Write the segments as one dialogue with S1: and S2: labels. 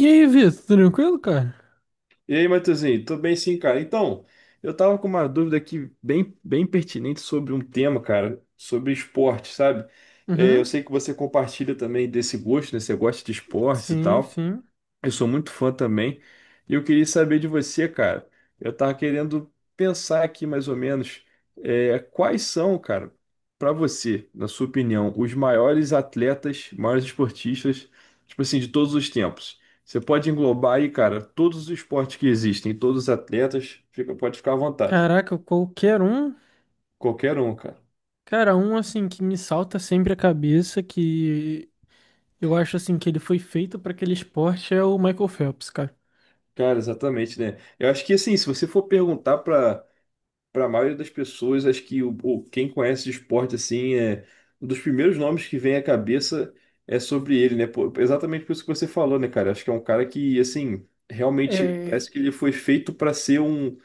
S1: E aí, Vitor, tranquilo, cara?
S2: E aí, Matheusinho, tô bem sim, cara. Então, eu tava com uma dúvida aqui bem, bem pertinente sobre um tema, cara, sobre esporte, sabe? É, eu
S1: Uhum,
S2: sei que você compartilha também desse gosto, né? Você gosta de esportes e
S1: sim,
S2: tal.
S1: sim.
S2: Eu sou muito fã também. E eu queria saber de você, cara. Eu tava querendo pensar aqui mais ou menos quais são, cara, pra você, na sua opinião, os maiores atletas, maiores esportistas, tipo assim, de todos os tempos. Você pode englobar aí, cara, todos os esportes que existem, todos os atletas, pode ficar à vontade.
S1: Caraca, qualquer um.
S2: Qualquer um, cara.
S1: Cara, um assim que me salta sempre a cabeça, que eu acho assim que ele foi feito pra aquele esporte é o Michael Phelps, cara.
S2: Cara, exatamente, né? Eu acho que assim, se você for perguntar para a maioria das pessoas, acho que quem conhece de esporte assim é um dos primeiros nomes que vem à cabeça é sobre ele, né? Pô, exatamente por isso que você falou, né, cara? Acho que é um cara que assim realmente
S1: É,
S2: parece que ele foi feito para ser um,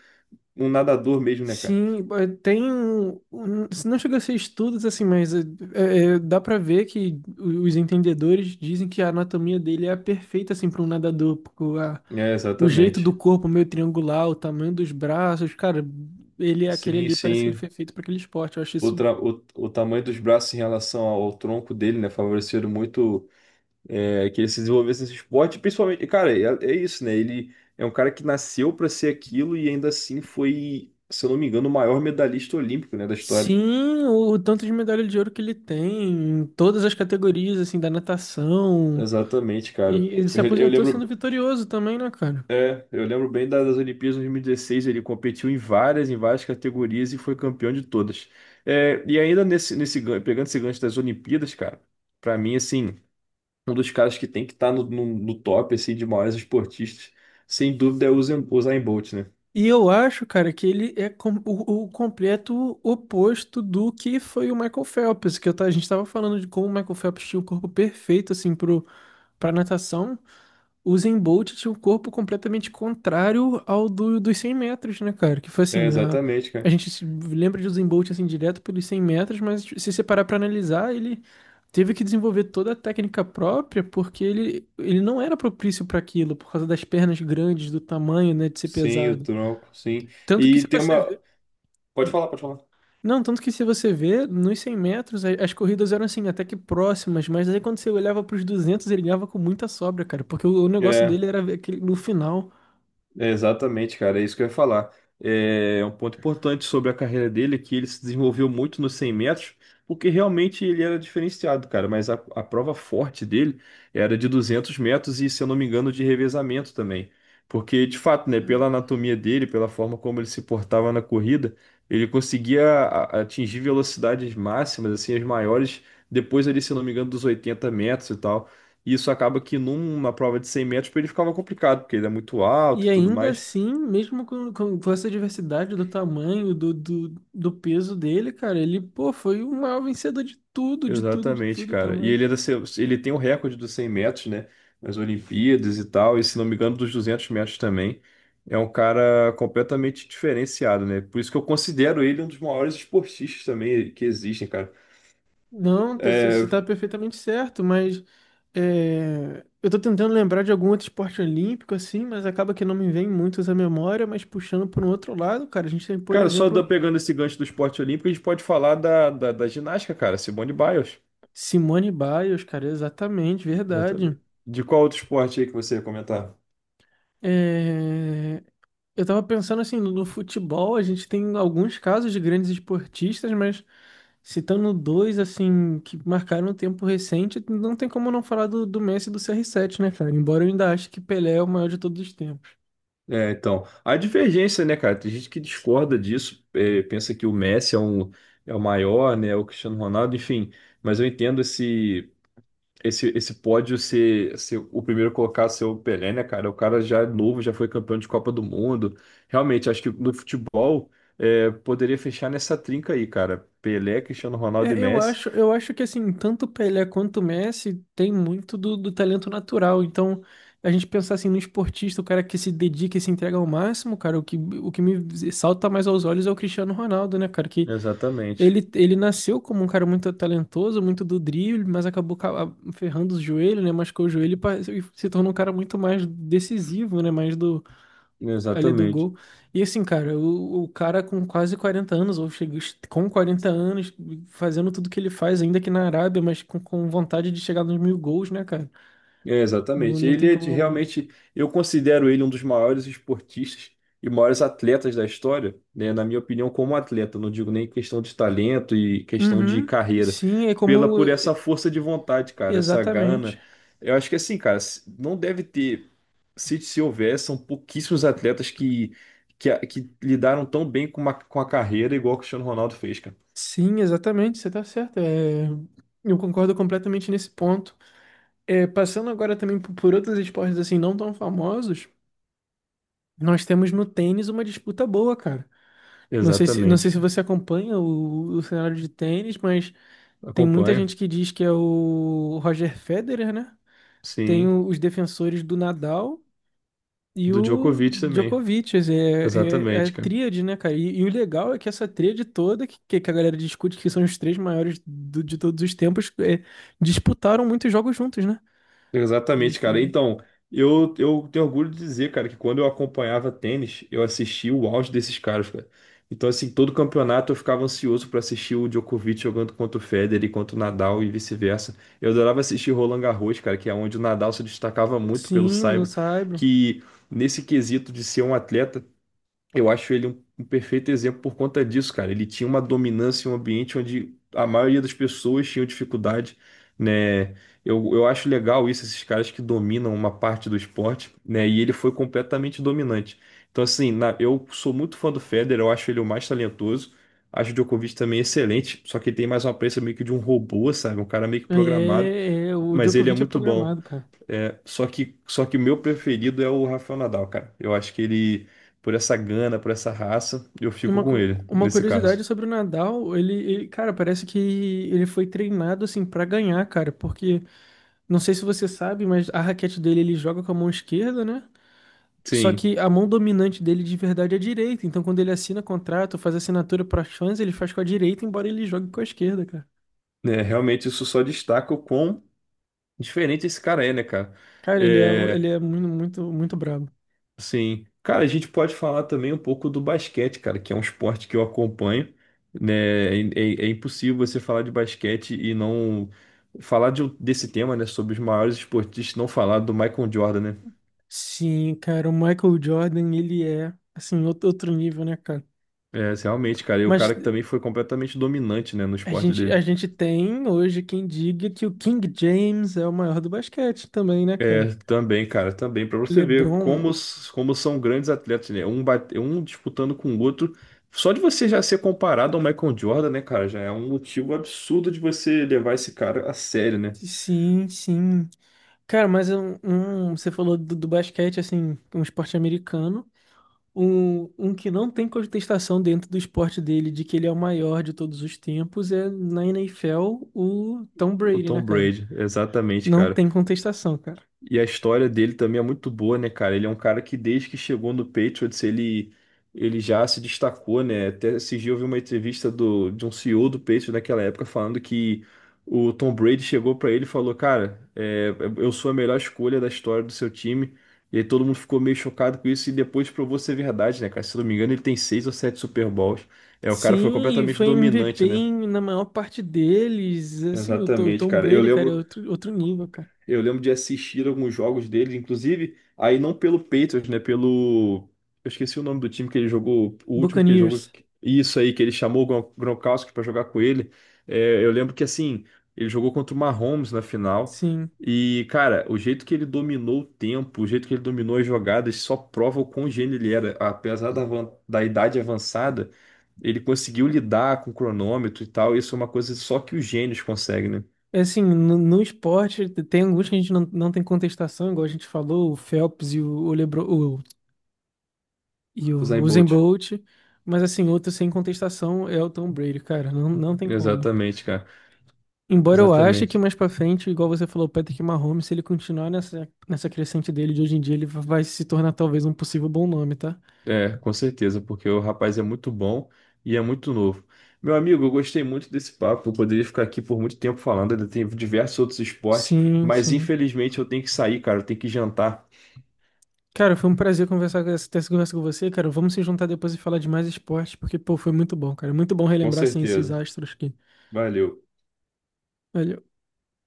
S2: um nadador mesmo, né, cara?
S1: sim, tem. Não chega a ser estudos assim, mas dá pra ver que os entendedores dizem que a anatomia dele é a perfeita assim para um nadador, porque
S2: É,
S1: o jeito do
S2: exatamente.
S1: corpo meio triangular, o tamanho dos braços, cara, ele é aquele
S2: Sim,
S1: ali, parece que ele
S2: sim.
S1: foi feito para aquele esporte. Eu acho
S2: O,
S1: isso.
S2: tra- o, o tamanho dos braços em relação ao tronco dele, né, favoreceram muito. Que ele se desenvolvesse nesse esporte, principalmente, cara, é isso, né? Ele é um cara que nasceu para ser aquilo e ainda assim foi, se eu não me engano, o maior medalhista olímpico, né, da história.
S1: Sim, o tanto de medalha de ouro que ele tem, em todas as categorias assim da natação.
S2: Exatamente, cara.
S1: E ele se
S2: Eu, re- eu
S1: aposentou sendo
S2: lembro,
S1: vitorioso também, né, cara?
S2: é, Eu lembro bem das Olimpíadas de 2016, ele competiu em várias categorias e foi campeão de todas. É, e ainda pegando esse gancho das Olimpíadas, cara, pra mim, assim, um dos caras que tem que estar no top, assim, de maiores esportistas, sem dúvida é o Usain Bolt, né?
S1: E eu acho, cara, que ele é o completo oposto do que foi o Michael Phelps, que a gente tava falando de como o Michael Phelps tinha um corpo perfeito, assim, pra natação. O Usain Bolt tinha um corpo completamente contrário ao dos 100 metros, né, cara? Que foi assim,
S2: É, exatamente,
S1: a
S2: cara.
S1: gente se lembra de Usain Bolt, assim, direto pelos 100 metros, mas se você parar pra analisar, ele teve que desenvolver toda a técnica própria, porque ele não era propício para aquilo, por causa das pernas grandes, do tamanho, né, de ser
S2: Sim, o
S1: pesado.
S2: tronco, sim.
S1: Tanto que
S2: E
S1: se
S2: tem
S1: você
S2: uma.
S1: vê.
S2: Pode falar, pode falar.
S1: Não, tanto que se você vê, nos 100 metros, as corridas eram assim, até que próximas, mas aí quando você olhava pros 200 ele ganhava com muita sobra, cara, porque o negócio
S2: É,
S1: dele era ver aquele, no final.
S2: é exatamente, cara, é isso que eu ia falar. É um ponto importante sobre a carreira dele é que ele se desenvolveu muito nos 100 metros, porque realmente ele era diferenciado, cara. Mas a prova forte dele era de 200 metros e, se eu não me engano, de revezamento também. Porque, de fato, né, pela anatomia dele, pela forma como ele se portava na corrida, ele conseguia atingir velocidades máximas, assim, as maiores, depois ali, se eu não me engano, dos 80 metros e tal. E isso acaba que numa prova de 100 metros pra ele ficava complicado, porque ele é muito alto
S1: E
S2: e tudo
S1: ainda
S2: mais.
S1: assim, mesmo com essa diversidade do tamanho, do peso dele, cara, ele, pô, foi o maior vencedor de tudo, de tudo, de
S2: Exatamente,
S1: tudo
S2: cara. E
S1: também.
S2: ele, é da seu- ele tem o recorde dos 100 metros, né? Nas Olimpíadas e tal, e se não me engano, dos 200 metros também. É um cara completamente diferenciado, né? Por isso que eu considero ele um dos maiores esportistas também que existem, cara.
S1: Não, você
S2: É,
S1: está perfeitamente certo, mas é, eu tô tentando lembrar de algum outro esporte olímpico, assim, mas acaba que não me vem muitos à memória, mas puxando por um outro lado, cara, a gente tem, por
S2: cara, só
S1: exemplo,
S2: pegando esse gancho do esporte olímpico, a gente pode falar da ginástica, cara. Simone Biles.
S1: Simone Biles, cara, exatamente,
S2: Exatamente.
S1: verdade.
S2: De qual outro esporte aí que você ia comentar?
S1: É, eu tava pensando assim, no futebol a gente tem alguns casos de grandes esportistas, mas citando dois, assim, que marcaram um tempo recente, não tem como não falar do Messi e do CR7, né, cara? Embora eu ainda ache que Pelé é o maior de todos os tempos.
S2: É, então, a divergência, né, cara? Tem gente que discorda disso, pensa que o Messi é o maior, né? O Cristiano Ronaldo, enfim. Mas eu entendo esse esse pódio ser o primeiro colocado ser o Pelé, né, cara? O cara já é novo, já foi campeão de Copa do Mundo. Realmente, acho que no futebol poderia fechar nessa trinca aí, cara. Pelé, Cristiano Ronaldo e
S1: É,
S2: Messi.
S1: eu acho que assim, tanto o Pelé quanto o Messi tem muito do talento natural. Então, a gente pensar assim no esportista, o cara que se dedica e se entrega ao máximo, cara, o que me salta mais aos olhos é o Cristiano Ronaldo, né, cara? Que
S2: Exatamente.
S1: ele nasceu como um cara muito talentoso, muito do drible, mas acabou ferrando os joelhos, né? Machucou o joelho e e se tornou um cara muito mais decisivo, né? Mais do, ali do
S2: Exatamente.
S1: gol. E assim, cara, o cara com quase 40 anos, ou chega com 40 anos, fazendo tudo que ele faz, ainda aqui na Arábia, mas com vontade de chegar nos 1.000 gols, né, cara?
S2: É,
S1: Não,
S2: exatamente.
S1: não tem
S2: Ele é de-
S1: como.
S2: realmente, eu considero ele um dos maiores esportistas e maiores atletas da história, né? Na minha opinião, como atleta, não digo nem questão de talento e questão de
S1: Uhum.
S2: carreira,
S1: Sim, é
S2: pela
S1: como.
S2: por essa força de vontade, cara, essa
S1: Exatamente.
S2: gana. Eu acho que assim, cara, não deve ter, se houver, são pouquíssimos atletas que lidaram tão bem com a carreira igual o Cristiano Ronaldo fez, cara.
S1: Sim, exatamente, você tá certo. É, eu concordo completamente nesse ponto. É, passando agora também por outros esportes assim não tão famosos, nós temos no tênis uma disputa boa, cara. Não sei
S2: Exatamente,
S1: se
S2: cara.
S1: você acompanha o cenário de tênis, mas tem muita
S2: Acompanho,
S1: gente que diz que é o Roger Federer, né? Tem
S2: sim.
S1: os defensores do Nadal e
S2: Do
S1: o
S2: Djokovic também.
S1: Djokovic. Quer dizer, é
S2: Exatamente, cara.
S1: tríade, né, cara? E o legal é que essa tríade toda, que a galera discute que são os três maiores de todos os tempos, é, disputaram muitos jogos juntos, né?
S2: Exatamente,
S1: Eles,
S2: cara.
S1: ele-
S2: Então, eu tenho orgulho de dizer, cara, que quando eu acompanhava tênis, eu assistia o auge desses caras, cara. Então, assim, todo campeonato eu ficava ansioso pra assistir o Djokovic jogando contra o Federer, e contra o Nadal e vice-versa. Eu adorava assistir Roland Garros, cara, que é onde o Nadal se destacava muito pelo
S1: sim, no
S2: saibro,
S1: Saibro.
S2: que nesse quesito de ser um atleta, eu acho ele um perfeito exemplo por conta disso, cara. Ele tinha uma dominância em um ambiente onde a maioria das pessoas tinham dificuldade, né? Eu acho legal isso, esses caras que dominam uma parte do esporte, né? E ele foi completamente dominante. Então, assim, eu sou muito fã do Federer, eu acho ele o mais talentoso. Acho o Djokovic também é excelente, só que ele tem mais uma aparência meio que de um robô, sabe? Um cara meio que programado,
S1: É, o
S2: mas ele é
S1: Djokovic é
S2: muito bom.
S1: programado, cara.
S2: Só que o meu preferido é o Rafael Nadal, cara. Eu acho que ele, por essa gana, por essa raça, eu fico
S1: Uma,
S2: com
S1: cu-
S2: ele,
S1: uma
S2: nesse
S1: curiosidade
S2: caso.
S1: sobre o Nadal, ele, cara, parece que ele foi treinado assim pra ganhar, cara, porque não sei se você sabe, mas a raquete dele ele joga com a mão esquerda, né? Só
S2: Sim,
S1: que a mão dominante dele de verdade é a direita. Então quando ele assina contrato, faz assinatura para fãs, ele faz com a direita, embora ele jogue com a esquerda, cara.
S2: né, realmente isso só destaca o quão diferente esse cara é, né, cara?
S1: Cara,
S2: É,
S1: ele é muito, muito, muito brabo.
S2: assim, cara, a gente pode falar também um pouco do basquete, cara, que é um esporte que eu acompanho, né? É impossível você falar de basquete e não falar desse tema, né, sobre os maiores esportistas, não falar do Michael Jordan, né?
S1: Sim, cara, o Michael Jordan, ele é, assim, outro nível, né, cara?
S2: É, realmente, cara. E o
S1: Mas
S2: cara que também foi completamente dominante, né, no esporte
S1: a
S2: dele.
S1: gente tem hoje quem diga que o King James é o maior do basquete também, né, cara?
S2: É, também, cara, também. Pra você ver como,
S1: LeBron,
S2: s- como são grandes atletas, né? Um, bate, um disputando com o outro. Só de você já ser comparado ao Michael Jordan, né, cara? Já é um motivo absurdo de você levar esse cara a sério, né?
S1: sim, sim. Cara, mas você falou do basquete, assim, um esporte americano. Um que não tem contestação dentro do esporte dele, de que ele é o maior de todos os tempos, é na NFL o Tom
S2: O
S1: Brady, né,
S2: Tom
S1: cara?
S2: Brady, exatamente,
S1: Não
S2: cara.
S1: tem contestação, cara.
S2: E a história dele também é muito boa, né, cara? Ele é um cara que desde que chegou no Patriots, ele já se destacou, né? Até esse dia eu vi uma entrevista de um CEO do Patriots naquela época falando que o Tom Brady chegou pra ele e falou, cara, eu sou a melhor escolha da história do seu time. E aí todo mundo ficou meio chocado com isso e depois provou ser verdade, né, cara? Se eu não me engano, ele tem seis ou sete Super Bowls. É, o cara foi
S1: Sim, e
S2: completamente
S1: foi MVP
S2: dominante, né?
S1: na maior parte deles. Assim, o
S2: Exatamente,
S1: Tom
S2: cara. Eu
S1: Brady, cara, é
S2: lembro
S1: outro nível, cara.
S2: Eu lembro de assistir alguns jogos dele, inclusive, aí não pelo Patriots, né? Pelo. Eu esqueci o nome do time que ele jogou, o último que ele jogou.
S1: Buccaneers,
S2: Isso aí, que ele chamou o Gronkowski pra jogar com ele. É, eu lembro que, assim, ele jogou contra o Mahomes na final.
S1: sim.
S2: E, cara, o jeito que ele dominou o tempo, o jeito que ele dominou as jogadas, só prova o quão gênio ele era. Apesar da idade avançada, ele conseguiu lidar com o cronômetro e tal. Isso é uma coisa só que os gênios conseguem, né?
S1: É, assim, no esporte, tem alguns que a gente não tem contestação, igual a gente falou, o Phelps e LeBron, e o
S2: Usain
S1: Usain
S2: Bolt.
S1: Bolt, mas assim, outro sem contestação é o Tom Brady, cara, não tem como.
S2: Exatamente, cara.
S1: Embora eu ache que
S2: Exatamente.
S1: mais pra frente, igual você falou, o Patrick Mahomes, se ele continuar nessa crescente dele de hoje em dia, ele vai se tornar talvez um possível bom nome, tá?
S2: É, com certeza, porque o rapaz é muito bom e é muito novo. Meu amigo, eu gostei muito desse papo. Eu poderia ficar aqui por muito tempo falando, ainda tem diversos outros esportes,
S1: Sim,
S2: mas
S1: sim.
S2: infelizmente eu tenho que sair, cara. Eu tenho que jantar.
S1: Cara, foi um prazer conversar com essa ter essa conversa com você, cara. Vamos se juntar depois e falar de mais esporte, porque, pô, foi muito bom, cara. Muito bom
S2: Com
S1: relembrar, assim, esses
S2: certeza.
S1: astros aqui.
S2: Valeu.
S1: Valeu.